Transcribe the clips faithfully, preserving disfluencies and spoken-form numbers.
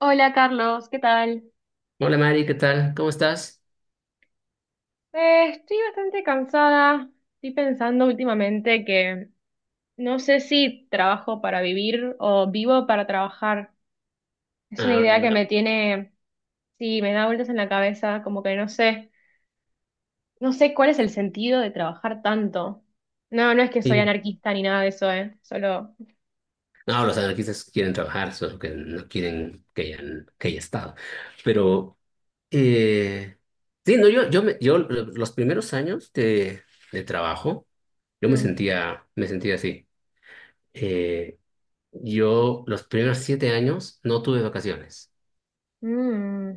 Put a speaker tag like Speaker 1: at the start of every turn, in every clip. Speaker 1: Hola Carlos, ¿qué tal?
Speaker 2: Hola Mari, ¿qué tal? ¿Cómo estás?
Speaker 1: Eh, estoy bastante cansada. Estoy pensando últimamente que no sé si trabajo para vivir o vivo para trabajar. Es una
Speaker 2: Ah,
Speaker 1: idea que me tiene, sí, me da vueltas en la cabeza, como que no sé, no sé cuál es el sentido de trabajar tanto. No, no es que soy
Speaker 2: y,
Speaker 1: anarquista ni nada de eso, ¿eh? Solo...
Speaker 2: no, los anarquistas quieren trabajar, solo que no quieren que hayan, que haya estado. Pero, eh, sí, no, yo, yo, me- yo los primeros años de, de trabajo, yo me
Speaker 1: mm,
Speaker 2: sentía, me sentía así. Eh, yo los primeros siete años no tuve vacaciones.
Speaker 1: mm,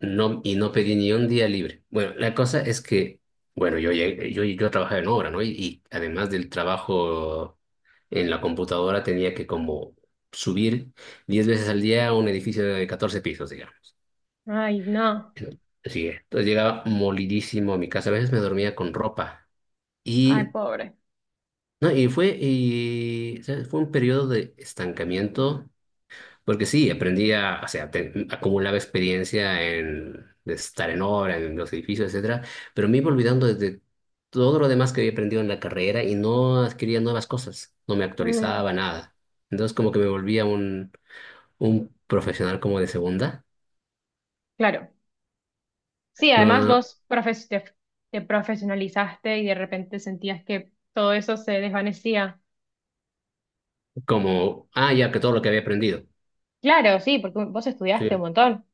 Speaker 2: No, y no pedí ni un día libre. Bueno, la cosa es que, bueno, yo, llegué- yo, yo trabajaba en obra, ¿no? Y, y además del trabajo en la computadora tenía que como subir diez veces al día a un edificio de catorce pisos, digamos.
Speaker 1: ay, no.
Speaker 2: Sí, entonces llegaba molidísimo a mi casa. A veces me dormía con ropa.
Speaker 1: Ay,
Speaker 2: Y,
Speaker 1: pobre.
Speaker 2: no, y fue, y, ¿sabes? Fue un periodo de estancamiento. Porque sí, aprendí a, o sea, te- acumulaba experiencia en de estar en obra, en los edificios, etcétera, pero me iba olvidando de de todo lo demás que había aprendido en la carrera y no adquiría nuevas cosas, no me
Speaker 1: Mm,
Speaker 2: actualizaba nada. Entonces como que me volvía un, un profesional como de segunda,
Speaker 1: claro. Sí, además
Speaker 2: no
Speaker 1: vos profes- te, te profesionalizaste y de repente sentías que todo eso se desvanecía.
Speaker 2: como, ah, ya que todo lo que había aprendido.
Speaker 1: Claro, sí, porque vos
Speaker 2: Sí,
Speaker 1: estudiaste un montón.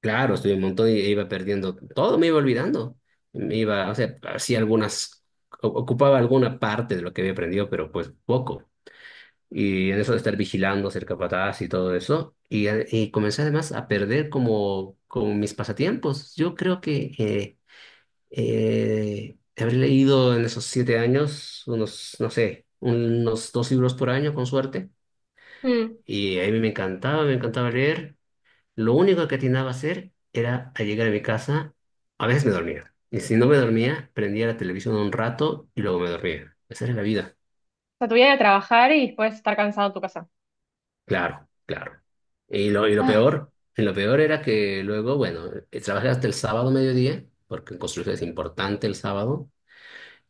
Speaker 2: claro, estudié un montón y iba perdiendo todo, me iba olvidando. Me iba, o sea, hacía algunas, o- ocupaba alguna parte de lo que había aprendido, pero pues poco. Y en eso de estar vigilando, ser capataz y todo eso. Y, a- y comencé además a perder como, como mis pasatiempos. Yo creo que eh, eh, habré leído en esos siete años unos, no sé, unos dos libros por año con suerte.
Speaker 1: Mm. O
Speaker 2: Y a mí me encantaba, me encantaba leer. Lo único que atinaba a hacer era a llegar a mi casa, a veces me dormía. Y si no me dormía, prendía la televisión un rato y luego me dormía. Esa era la vida.
Speaker 1: sea, tu vida era trabajar y después estar cansado en tu casa.
Speaker 2: Claro, claro. Y lo, y lo
Speaker 1: Ah,
Speaker 2: peor, lo peor era que luego, bueno, eh, trabajé hasta el sábado mediodía, porque en construcción es importante el sábado,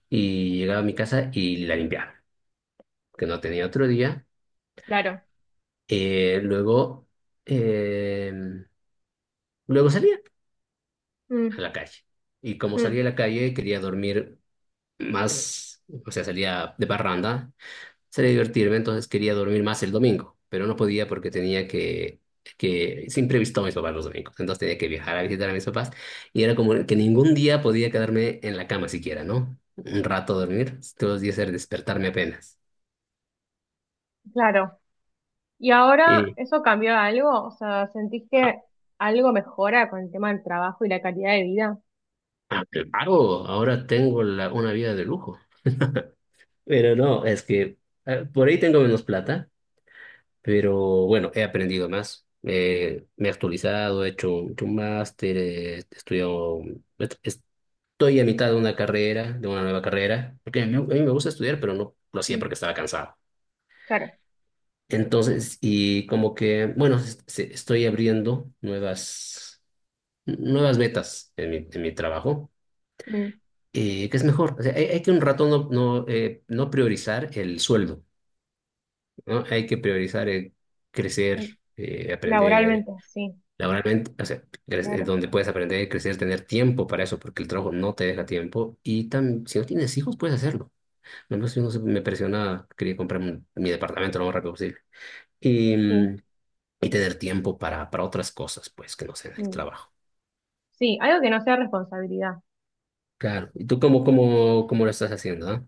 Speaker 2: y llegaba a mi casa y la limpiaba, que no tenía otro día.
Speaker 1: claro.
Speaker 2: Eh, luego, eh, luego salía
Speaker 1: Mm,
Speaker 2: a la calle. Y como
Speaker 1: mm,
Speaker 2: salía a la calle, quería dormir más, o sea, salía de parranda sería divertirme, entonces quería dormir más el domingo, pero no podía porque tenía que, que siempre he visto a mis papás los domingos, entonces tenía que viajar a visitar a mis papás y era como que ningún día podía quedarme en la cama siquiera, ¿no? Un rato dormir, todos los días era despertarme apenas.
Speaker 1: claro. ¿Y ahora
Speaker 2: Y
Speaker 1: eso cambió algo? O sea, ¿sentís
Speaker 2: ah,
Speaker 1: que algo mejora con el tema del trabajo y la calidad de vida?
Speaker 2: ah, claro, ahora tengo la- una vida de lujo. Pero no, es que eh, por ahí tengo menos plata, pero bueno, he aprendido más. Eh, me he actualizado, he hecho un, hecho un máster, eh, he estudiado. Estoy a mitad de una carrera, de una nueva carrera, porque a mí, a mí me gusta estudiar, pero no lo hacía
Speaker 1: Mm,
Speaker 2: porque estaba cansado.
Speaker 1: claro.
Speaker 2: Entonces, y como que, bueno, es- se- estoy abriendo nuevas, nuevas metas en mi, en mi trabajo,
Speaker 1: Mm,
Speaker 2: eh, que es mejor. O sea, hay, hay que un rato no, no, eh, no priorizar el sueldo, ¿no? Hay que priorizar el crecer,
Speaker 1: mm.
Speaker 2: eh, aprender
Speaker 1: Laboralmente, sí,
Speaker 2: laboralmente, o sea, cre- eh,
Speaker 1: claro.
Speaker 2: donde puedes aprender, crecer, tener tiempo para eso, porque el trabajo no te deja tiempo. Y tam- si no tienes hijos, puedes hacerlo. No, pues, no sé, me presionaba quería comprarme un- mi departamento lo más rápido posible. Y,
Speaker 1: Sí.
Speaker 2: mm, y tener tiempo para, para otras cosas, pues, que no sean el
Speaker 1: Mm.
Speaker 2: trabajo.
Speaker 1: Sí, algo que no sea responsabilidad.
Speaker 2: Claro. ¿Y tú cómo, cómo, cómo lo estás haciendo, ah?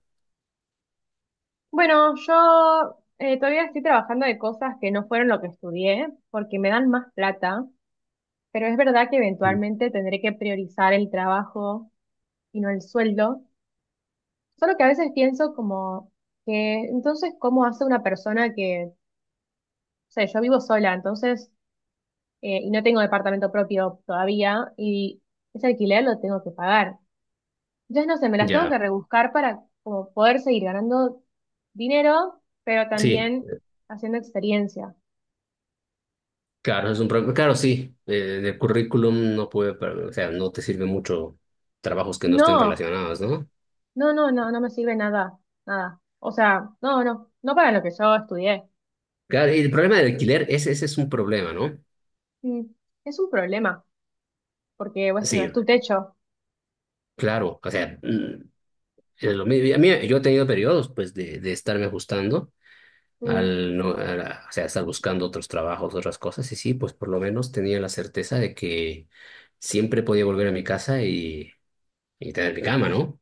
Speaker 1: Bueno, yo eh, todavía estoy trabajando de cosas que no fueron lo que estudié, porque me dan más plata, pero es verdad que
Speaker 2: Sí.
Speaker 1: eventualmente tendré que priorizar el trabajo y no el sueldo. Solo que a veces pienso como que, entonces, ¿cómo hace una persona que, o sea, yo vivo sola, entonces, eh, y no tengo departamento propio todavía, y ese alquiler lo tengo que pagar. Entonces, no sé, me las tengo que
Speaker 2: Ya,
Speaker 1: rebuscar para como poder seguir ganando dinero, pero
Speaker 2: sí,
Speaker 1: también haciendo experiencia.
Speaker 2: claro, es un problema. Claro, sí, eh, el currículum no puede, pero, o sea, no te sirve mucho trabajos que no estén
Speaker 1: No,
Speaker 2: relacionados, ¿no?
Speaker 1: no, no, no, no me sirve nada, nada. O sea, no, no, no para lo que yo estudié.
Speaker 2: Claro, y el problema del alquiler, ese, ese es un problema, ¿no?
Speaker 1: Mm. Es un problema, porque bueno,
Speaker 2: Sí,
Speaker 1: es tu techo.
Speaker 2: claro, o sea, mm, es lo mismo. Y A mí, yo he tenido periodos, pues, de, de estarme ajustando
Speaker 1: Mm,
Speaker 2: al no, a la- o sea, estar buscando otros trabajos, otras cosas, y sí, pues por lo menos tenía la certeza de que siempre podía volver a mi casa y y tener mi cama, ¿no?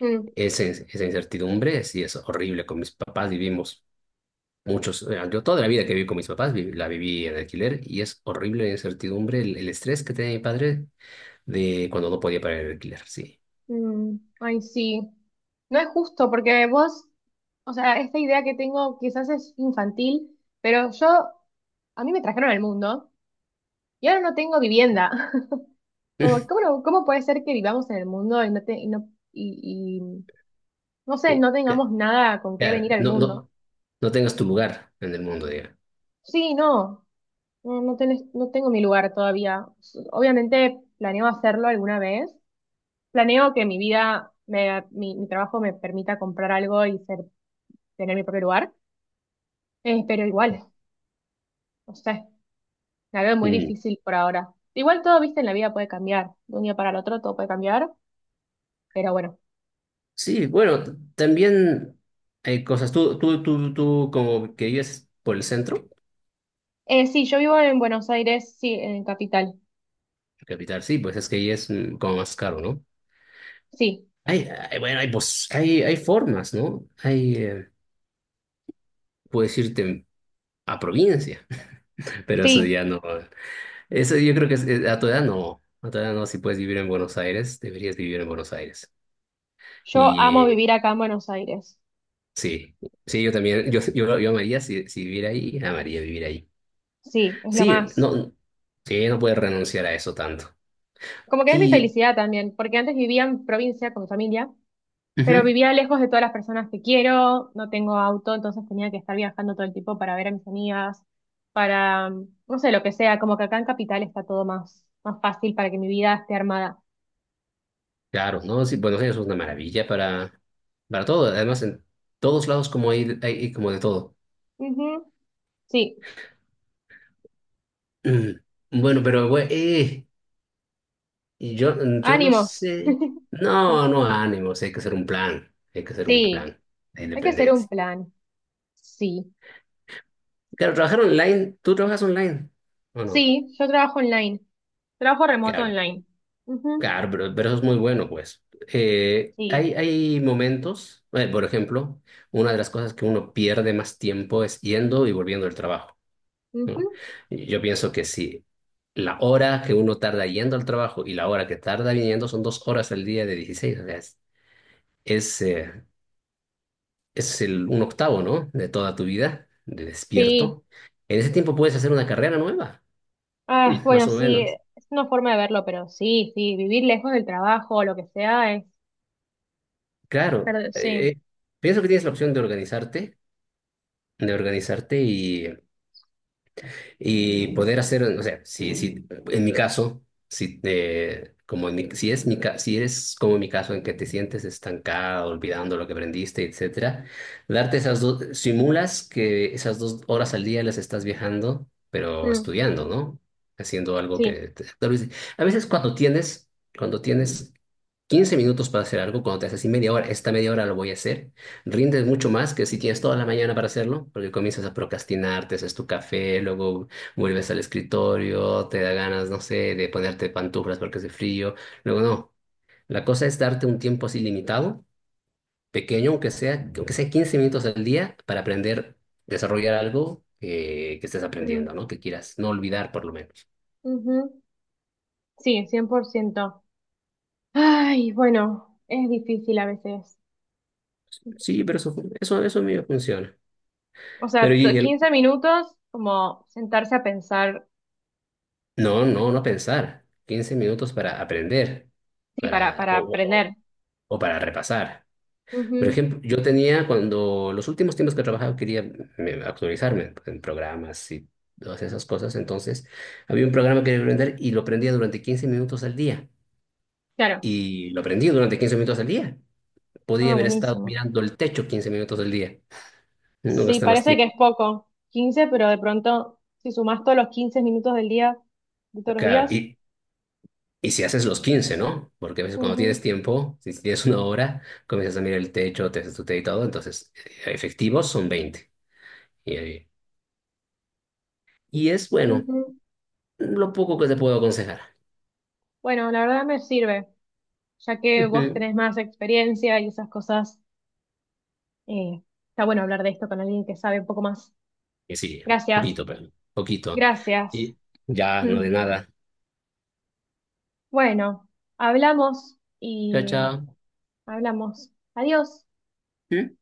Speaker 1: mm,
Speaker 2: Esa, in- esa incertidumbre sí es horrible. Con mis papás vivimos muchos, eh, yo toda la vida que viví con mis papás vi- la viví en alquiler y es horrible la incertidumbre, el, el estrés que tenía mi padre de cuando no podía pagar el alquiler, sí.
Speaker 1: mm, Ay, sí. No es justo, porque vos, o sea, esta idea que tengo quizás es infantil, pero yo, a mí me trajeron al mundo y ahora no tengo vivienda. Como, ¿cómo, no- cómo puede ser que vivamos en el mundo y no, te- y no, y, y, no sé,
Speaker 2: Eh,
Speaker 1: no tengamos nada con qué
Speaker 2: Claro,
Speaker 1: venir al
Speaker 2: no,
Speaker 1: mundo?
Speaker 2: no, no tengas tu lugar en el mundo, diga.
Speaker 1: Sí, no. No, no tenés- no tengo mi lugar todavía. S- Obviamente planeo hacerlo alguna vez. Planeo que mi vida, me- mi, mi trabajo me permita comprar algo y ser, tener mi propio lugar. Eh, pero igual, no sé, la veo muy difícil por ahora. Igual todo, viste, en la vida puede cambiar. De un día para el otro todo puede cambiar, pero bueno.
Speaker 2: Sí, bueno, t- también hay cosas. Tú, tú, tú, tú, como que vives por el centro,
Speaker 1: Eh, sí, yo vivo en Buenos Aires, sí, en Capital.
Speaker 2: capital, sí, pues es que ahí es mm, como más caro, ¿no?
Speaker 1: Sí,
Speaker 2: Hay, hay- bueno, hay, pos- hay, hay formas, ¿no? Hay, eh, puedes irte a provincia, pero eso
Speaker 1: sí,
Speaker 2: ya no. Eso yo creo que es- es- a tu edad no. A tu edad no, si puedes vivir en Buenos Aires, deberías vivir en Buenos Aires.
Speaker 1: yo
Speaker 2: Y
Speaker 1: amo
Speaker 2: eh,
Speaker 1: vivir acá en Buenos Aires.
Speaker 2: sí, sí, yo también, yo, yo, yo amaría si, si viviera ahí, amaría vivir ahí.
Speaker 1: Sí, es lo
Speaker 2: Sí,
Speaker 1: más.
Speaker 2: no, sí, no puedes renunciar a eso tanto.
Speaker 1: Como que es mi
Speaker 2: Y,
Speaker 1: felicidad también, porque antes vivía en provincia con mi familia. Pero
Speaker 2: ujú,
Speaker 1: vivía lejos de todas las personas que quiero, no tengo auto, entonces tenía que estar viajando todo el tiempo para ver a mis amigas, para, no sé, lo que sea, como que acá en Capital está todo más, más fácil para que mi vida esté armada.
Speaker 2: claro, ¿no? Sí, Buenos Aires es una maravilla para, para todo. Además, en todos lados como hay, hay como de todo.
Speaker 1: Ujú. Sí,
Speaker 2: Mm, Bueno, pero, güey, eh, y yo, yo no
Speaker 1: ánimos.
Speaker 2: sé. No, no, ánimos, hay que hacer un plan. Hay que hacer un
Speaker 1: Sí,
Speaker 2: plan de
Speaker 1: hay que hacer un
Speaker 2: independencia.
Speaker 1: plan. Sí,
Speaker 2: Claro, trabajar online, ¿tú trabajas online o no?
Speaker 1: sí, yo trabajo online, trabajo remoto
Speaker 2: Claro,
Speaker 1: online. Ujú.
Speaker 2: claro, pero, pero eso es muy bueno, pues. Eh,
Speaker 1: Sí,
Speaker 2: hay, hay momentos, eh, por ejemplo, una de las cosas que uno pierde más tiempo es yendo y volviendo del trabajo, ¿no?
Speaker 1: ujú.
Speaker 2: Y Yo pienso que si la hora que uno tarda yendo al trabajo y la hora que tarda viniendo son dos horas al día de dieciséis, o sea, es, es, eh, es el, un octavo, ¿no? De toda tu vida, de
Speaker 1: Sí,
Speaker 2: despierto. En ese tiempo puedes hacer una carrera nueva,
Speaker 1: ah,
Speaker 2: más
Speaker 1: bueno,
Speaker 2: o
Speaker 1: sí,
Speaker 2: menos.
Speaker 1: es una forma de verlo, pero sí, sí, vivir lejos del trabajo o lo que sea.
Speaker 2: Claro,
Speaker 1: Pero sí,
Speaker 2: eh, eh, pienso que tienes la opción de organizarte, de organizarte y Y poder hacer, o sea, si, si, en mi caso, si, te- como en mi- si, es mi, ca- si eres como mi caso en que te sientes estancado, olvidando lo que aprendiste, etcétera, darte esas dos, simulas que esas dos horas al día las estás viajando, pero
Speaker 1: mm,
Speaker 2: estudiando, ¿no? Haciendo algo
Speaker 1: sí,
Speaker 2: que... te- tal vez- a veces cuando tienes, cuando tienes quince minutos para hacer algo, cuando te haces así media hora, esta media hora lo voy a hacer, rindes mucho más que si tienes toda la mañana para hacerlo, porque comienzas a procrastinar, te haces tu café, luego vuelves al escritorio, te da ganas, no sé, de ponerte pantuflas porque hace frío. Luego, no, la cosa es darte un tiempo así limitado, pequeño, aunque sea, aunque sea quince minutos al día, para aprender, desarrollar algo que, que estés aprendiendo,
Speaker 1: mm,
Speaker 2: ¿no? Que quieras no olvidar por lo menos.
Speaker 1: ujú, sí, cien por ciento. Ay, bueno, es difícil a veces.
Speaker 2: Sí, pero eso, eso, eso, a mí me funciona.
Speaker 1: O
Speaker 2: Pero
Speaker 1: sea, t-
Speaker 2: y el,
Speaker 1: quince minutos como sentarse a pensar,
Speaker 2: no, no, no pensar. quince minutos para aprender,
Speaker 1: sí, para,
Speaker 2: para,
Speaker 1: para
Speaker 2: o, o, o
Speaker 1: aprender.
Speaker 2: o para repasar.
Speaker 1: Ujú.
Speaker 2: Por ejemplo, yo tenía cuando los últimos tiempos que he trabajado quería me- actualizarme en programas y todas esas cosas. Entonces, había un programa que quería aprender y lo aprendía durante quince minutos al día.
Speaker 1: Claro.
Speaker 2: Y lo aprendí durante quince minutos al día. Podía
Speaker 1: Ah,
Speaker 2: haber estado
Speaker 1: buenísimo.
Speaker 2: mirando el techo quince minutos al día. No
Speaker 1: Sí,
Speaker 2: gasta más
Speaker 1: parece que
Speaker 2: tiempo.
Speaker 1: es poco, quince pero de pronto, si sumás todos los quince minutos del día, de todos los
Speaker 2: Claro,
Speaker 1: días,
Speaker 2: y y si haces los quince, ¿no? Porque a veces cuando
Speaker 1: ujú,
Speaker 2: tienes tiempo, si tienes una hora, comienzas a mirar el techo, te haces tu té y todo. Entonces, eh, efectivos son veinte. Y, ahí- y es bueno,
Speaker 1: ujú.
Speaker 2: lo poco que te puedo aconsejar.
Speaker 1: Bueno, la verdad me sirve, ya que vos
Speaker 2: Ujú.
Speaker 1: tenés más experiencia y esas cosas. Eh, está bueno hablar de esto con alguien que sabe un poco más.
Speaker 2: Y sí,
Speaker 1: Gracias,
Speaker 2: poquito, pero poquito.
Speaker 1: gracias.
Speaker 2: Y ya, no
Speaker 1: Mm.
Speaker 2: de nada.
Speaker 1: Bueno, hablamos
Speaker 2: Chao,
Speaker 1: y
Speaker 2: chao.
Speaker 1: hablamos. Adiós.
Speaker 2: ¿Mm?